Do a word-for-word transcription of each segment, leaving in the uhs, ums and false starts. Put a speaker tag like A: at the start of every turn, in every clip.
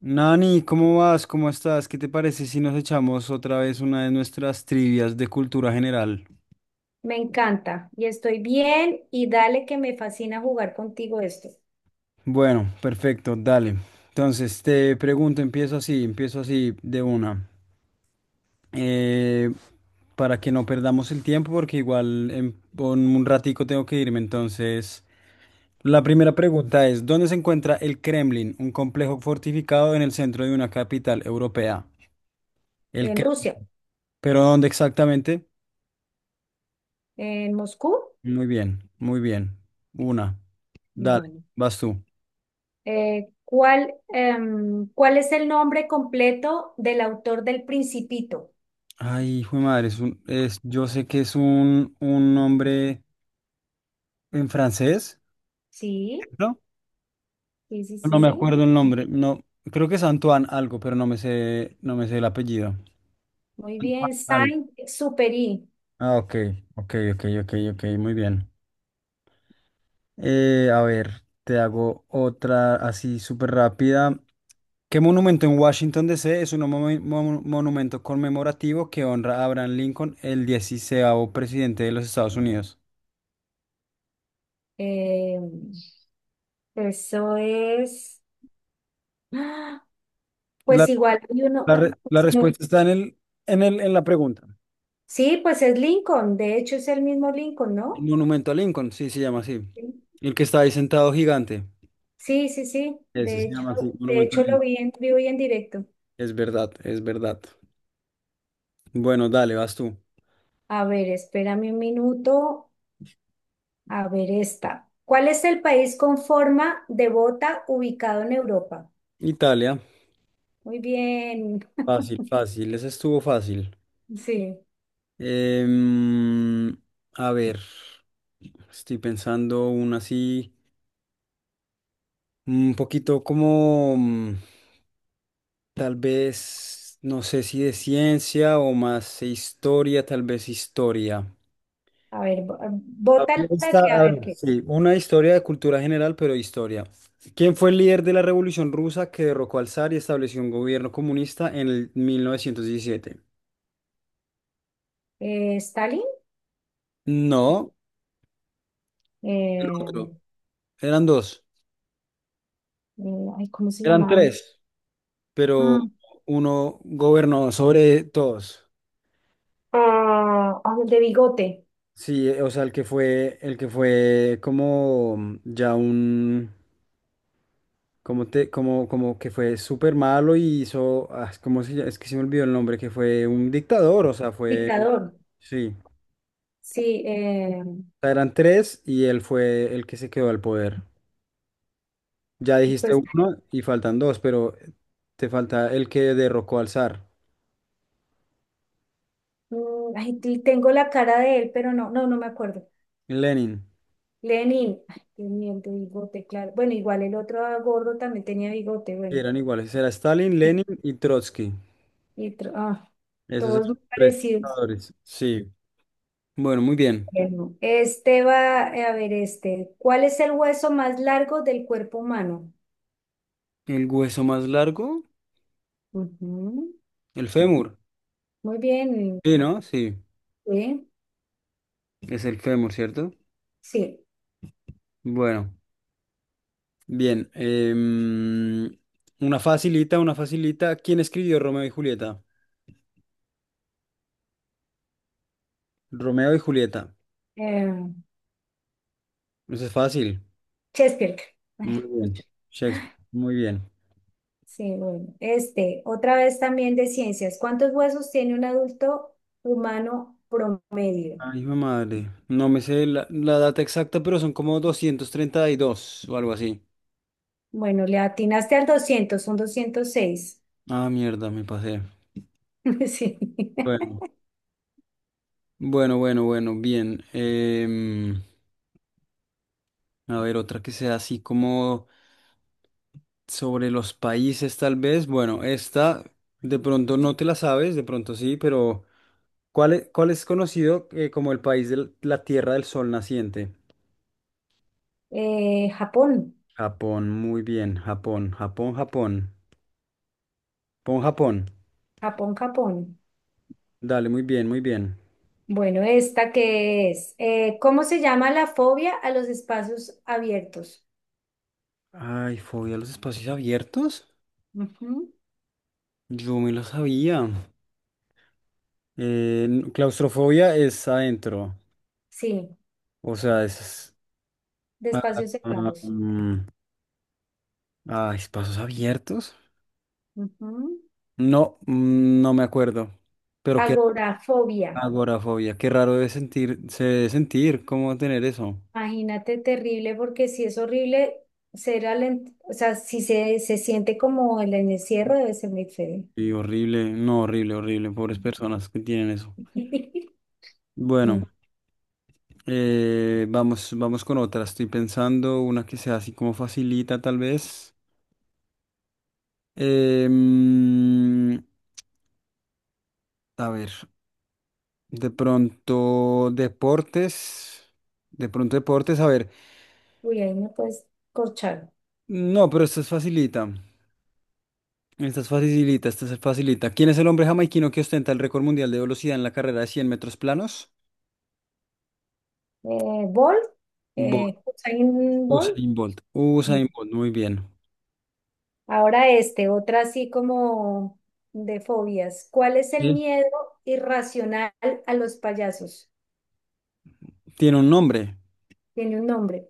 A: Nani, ¿cómo vas? ¿Cómo estás? ¿Qué te parece si nos echamos otra vez una de nuestras trivias de cultura general?
B: Me encanta y estoy bien, y dale, que me fascina jugar contigo esto.
A: Bueno, perfecto, dale. Entonces, te pregunto, empiezo así, empiezo así de una. Eh, para que no perdamos el tiempo, porque igual en, en un ratico tengo que irme. Entonces, la primera pregunta es, ¿dónde se encuentra el Kremlin, un complejo fortificado en el centro de una capital europea? El
B: En
A: Kremlin.
B: Rusia,
A: ¿Pero dónde exactamente?
B: en Moscú.
A: Muy bien, muy bien. Una. Dale,
B: Bueno.
A: vas tú.
B: Eh, ¿cuál, em, ¿cuál es el nombre completo del autor del Principito?
A: Ay, hijo de madre, es un, es, yo sé que es un, un nombre en francés,
B: Sí,
A: ¿no?
B: sí, sí,
A: No me
B: sí.
A: acuerdo el
B: Sí.
A: nombre, no, creo que es Antoine algo, pero no me sé, no me sé el apellido.
B: Muy
A: Antoine
B: bien,
A: algo.
B: Saint-Exupéry.
A: Ah, ok, ok, ok, ok, ok, muy bien. Eh, a ver, te hago otra así súper rápida. ¿Qué monumento en Washington, D C es un momen- mon- monumento conmemorativo que honra a Abraham Lincoln, el dieciseisavo presidente de los Estados Unidos?
B: Em, eso es. ¡Ah!
A: La
B: Pues igual hay uno.
A: La, re- la
B: Pues no.
A: respuesta está en el, en el, en la pregunta.
B: Sí, pues es Lincoln. De hecho, es el mismo Lincoln,
A: El
B: ¿no?
A: monumento a Lincoln, sí, se llama así.
B: Sí.
A: El que está ahí sentado gigante.
B: Sí, sí, sí.
A: Ese
B: De
A: se
B: hecho,
A: llama así,
B: de
A: monumento a
B: hecho lo
A: Lincoln.
B: vi en vivo y en directo.
A: Es verdad, es verdad. Bueno, dale, vas tú.
B: A ver, espérame un minuto. A ver esta. ¿Cuál es el país con forma de bota ubicado en Europa?
A: Italia.
B: Muy bien.
A: Fácil, fácil. Ese estuvo fácil.
B: Sí.
A: Em, a ver, estoy pensando una así, un poquito como mm, tal vez, no sé si de ciencia o más de historia, tal vez historia.
B: A ver, bo-
A: A
B: bota
A: ver,
B: la
A: esta-
B: que, a
A: a
B: ver
A: ver,
B: qué.
A: sí, una historia de cultura general, pero historia. ¿Quién fue el líder de la Revolución Rusa que derrocó al zar y estableció un gobierno comunista en el mil novecientos diecisiete?
B: Eh, Stalin.
A: No, el
B: Eh,
A: otro. Eran dos.
B: eh, ay, ¿cómo se
A: Eran
B: llamaba?
A: tres, pero
B: Mm.
A: uno gobernó sobre todos.
B: Ah, ah, el de bigote.
A: Sí, eh, o sea, el que fue, el que fue como ya un, como te, como, como que fue súper malo y hizo, ah, ¿cómo se llama? Es que se me olvidó el nombre, que fue un dictador, o sea, fue,
B: Dictador.
A: sí.
B: Sí. Eh,
A: Sea, eran tres y él fue el que se quedó al poder. Ya
B: y
A: dijiste
B: pues,
A: uno y faltan dos, pero te falta el que derrocó al zar,
B: mm, ay, tengo la cara de él, pero no, no, no me acuerdo.
A: Lenin.
B: Lenin, ay, qué mierda, bigote, claro. Bueno, igual el otro gordo también tenía bigote,
A: Y
B: bueno.
A: eran iguales, era Stalin, Lenin y Trotsky.
B: Y otro- ah,
A: Esos eran
B: Todos muy
A: los tres
B: parecidos.
A: dictadores. Sí. Bueno, muy bien.
B: Bueno, este va, eh, a ver, este. ¿Cuál es el hueso más largo del cuerpo humano?
A: ¿El hueso más largo?
B: Ujú.
A: El fémur.
B: Muy bien,
A: Sí, ¿no? Sí,
B: sí.
A: es el fémur, ¿cierto?
B: Sí.
A: Bueno, bien. Em, una facilita, una facilita. ¿Quién escribió Romeo y Julieta? Romeo y Julieta.
B: Eh,
A: Eso es fácil.
B: Chesterfield. Ay,
A: Muy bien.
B: pucha.
A: Shakespeare. Muy bien.
B: Sí, bueno. Este, otra vez también de ciencias. ¿Cuántos huesos tiene un adulto humano promedio?
A: Ay, hijo de madre. No me sé la, la data exacta, pero son como doscientos treinta y dos o algo así.
B: Bueno, le atinaste al doscientos, son doscientos seis.
A: Ah, mierda, me pasé.
B: Sí.
A: Bueno, bueno, bueno, bueno, bien. Em, a ver, otra que sea así como sobre los países, tal vez. Bueno, esta de pronto no te la sabes, de pronto sí, pero ¿cuál es, cuál es conocido eh, como el país de la Tierra del Sol naciente?
B: Eh, Japón,
A: Japón, muy bien, Japón, Japón, Japón. Pon Japón.
B: Japón, Japón.
A: Dale, muy bien, muy bien.
B: Bueno, esta qué es. Eh, ¿cómo se llama la fobia a los espacios abiertos?
A: Ay, fobia a los espacios abiertos.
B: Ujú.
A: Yo me lo sabía. Eh, n- claustrofobia es adentro.
B: Sí,
A: O sea, es...
B: de
A: Ah,
B: espacios
A: ah,
B: cerrados.
A: mm, ah, espacios abiertos.
B: Ujú.
A: No, mm, no me acuerdo. Pero qué
B: Agorafobia.
A: agorafobia. Qué raro debe sentir, se debe sentir. ¿Cómo tener eso?
B: Imagínate, terrible, porque si es horrible ser alen- o sea, si se, se siente como el encierro, debe ser muy feo.
A: Y horrible, no, horrible, horrible. Pobres personas que tienen eso. Bueno, eh, vamos, vamos con otra. Estoy pensando una que sea así como facilita, tal vez. Em, a ver, de pronto deportes, de pronto deportes, a ver,
B: Uy, ahí me puedes corchar.
A: no, pero esta es facilita, esta es facilita, esta es facilita. ¿Quién es el hombre jamaiquino que ostenta el récord mundial de velocidad en la carrera de cien metros planos?
B: eh, Bolt,
A: Bolt,
B: eh, Usain Bolt.
A: Usain Bolt,
B: Ujú.
A: Usain Bolt, muy bien.
B: Ahora este, otra así como de fobias. ¿Cuál es el
A: Sí.
B: miedo irracional a los payasos?
A: ¿Tiene un nombre?
B: Tiene un nombre.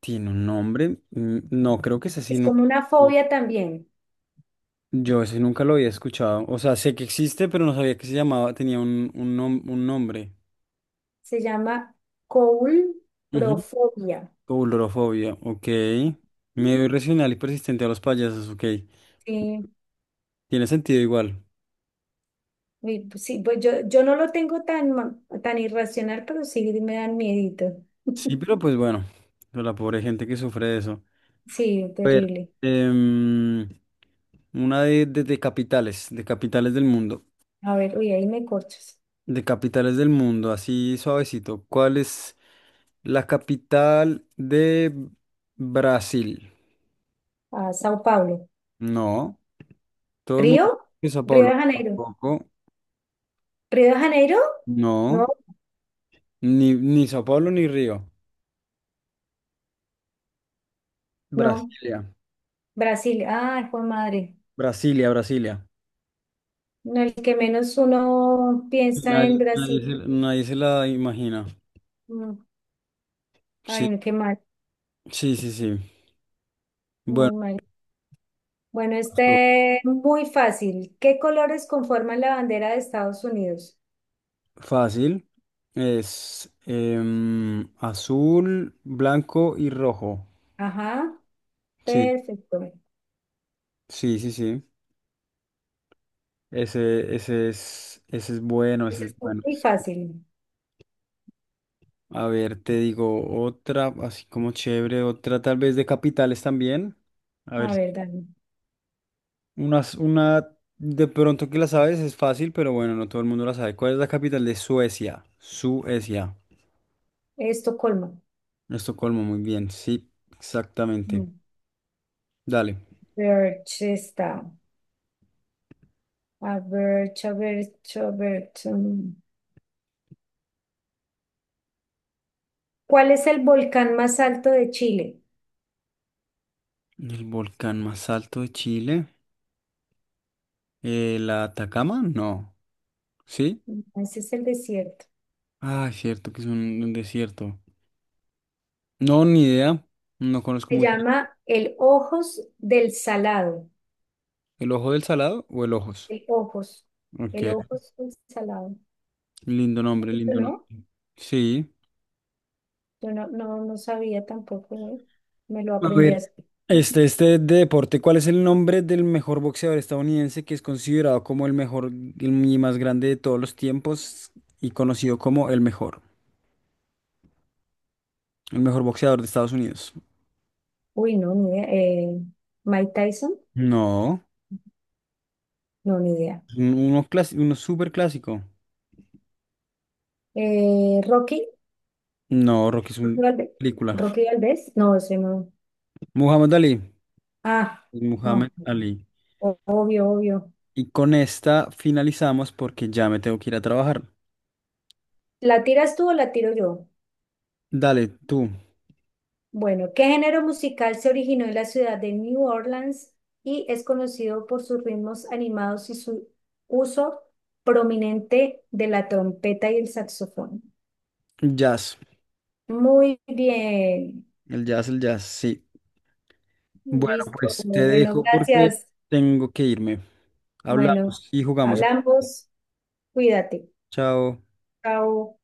A: ¿Tiene un nombre? Mm, no, creo que es así.
B: Es como una fobia también.
A: Yo ese nunca lo había escuchado. O sea, sé que existe, pero no sabía que se llamaba, tenía un, un nom- un nombre.
B: Se llama coulrofobia.
A: Coulrofobia, ok. Miedo irracional y persistente a los payasos, ok.
B: Sí,
A: Tiene sentido igual.
B: uy, pues sí, pues yo, yo no lo tengo tan, ma- tan irracional, pero sí me dan miedito.
A: Sí, pero pues bueno, pero la pobre gente que sufre de eso.
B: Sí,
A: A ver,
B: terrible.
A: em, una de, de, de capitales, de capitales del mundo.
B: A ver, uy, ahí me corchas.
A: De capitales del mundo, así suavecito. ¿Cuál es la capital de Brasil?
B: A Sao Paulo.
A: No. Todo el mundo
B: ¿Río?
A: que Sao
B: Río
A: Paulo.
B: de Janeiro.
A: Tampoco.
B: ¿Río de Janeiro?
A: No.
B: No,
A: Ni, ni Sao Paulo ni Río.
B: no.
A: Brasilia.
B: Brasil. Ay, fue madre.
A: Brasilia, Brasilia.
B: No, el que menos uno piensa
A: Nadie,
B: en
A: nadie
B: Brasil.
A: se, nadie se la imagina.
B: Mm.
A: Sí,
B: Ay, no, qué mal.
A: sí, sí, sí. Bueno,
B: Muy mal. Bueno,
A: azul.
B: este muy fácil. ¿Qué colores conforman la bandera de Estados Unidos?
A: Fácil. Es em, azul, blanco y rojo.
B: Ajá,
A: Sí,
B: perfecto.
A: sí, sí, sí. Ese, ese es, ese es bueno, ese
B: Ese
A: es
B: es
A: bueno.
B: muy fácil.
A: A ver, te digo otra, así como chévere, otra tal vez de capitales también. A ver,
B: A ver, Dani.
A: unas, una de pronto que la sabes es fácil, pero bueno, no todo el mundo la sabe. ¿Cuál es la capital de Suecia? Suecia.
B: Estocolmo.
A: Estocolmo, muy bien, sí, exactamente.
B: Mm.
A: Dale.
B: Birch está. A ver, a ver, a ver. Mm. ¿Cuál es el volcán más alto de Chile?
A: El volcán más alto de Chile. Eh, ¿la Atacama? No. ¿Sí?
B: No, ese es el desierto.
A: Ah, cierto que es un, un desierto. No, ni idea. No conozco
B: Se
A: mucho.
B: llama el Ojos del Salado.
A: ¿El Ojo del Salado o el Ojos?
B: El Ojos. El
A: Ok.
B: Ojos del Salado.
A: Lindo nombre, lindo nombre.
B: ¿No?
A: Sí.
B: Yo no, no, no sabía tampoco, ¿eh? Me lo
A: A
B: aprendí
A: ver,
B: así.
A: este, este de deporte, ¿cuál es el nombre del mejor boxeador estadounidense que es considerado como el mejor y más grande de todos los tiempos y conocido como el mejor, el mejor boxeador de Estados Unidos?
B: Uy, no, ni idea. Eh, Mike Tyson,
A: No,
B: no, ni idea.
A: un- uno, clas- uno súper clásico.
B: Eh, Rocky,
A: No, Rocky es una
B: Rocky Valde-
A: película.
B: Rocky Valdés, no, ese no.
A: Muhammad Ali.
B: Ah,
A: Muhammad
B: no.
A: Ali.
B: O- obvio, obvio.
A: Y con esta finalizamos porque ya me tengo que ir a trabajar.
B: ¿La tiras tú o la tiro yo?
A: Dale, tú.
B: Bueno, ¿qué género musical se originó en la ciudad de New Orleans y es conocido por sus ritmos animados y su uso prominente de la trompeta y el saxofón?
A: Jazz.
B: Muy bien,
A: El jazz, el jazz, sí. Bueno,
B: listo.
A: pues te
B: Bueno,
A: dejo porque
B: gracias.
A: tengo que irme.
B: Bueno,
A: Hablamos y jugamos.
B: hablamos. Cuídate.
A: Chao.
B: Chao.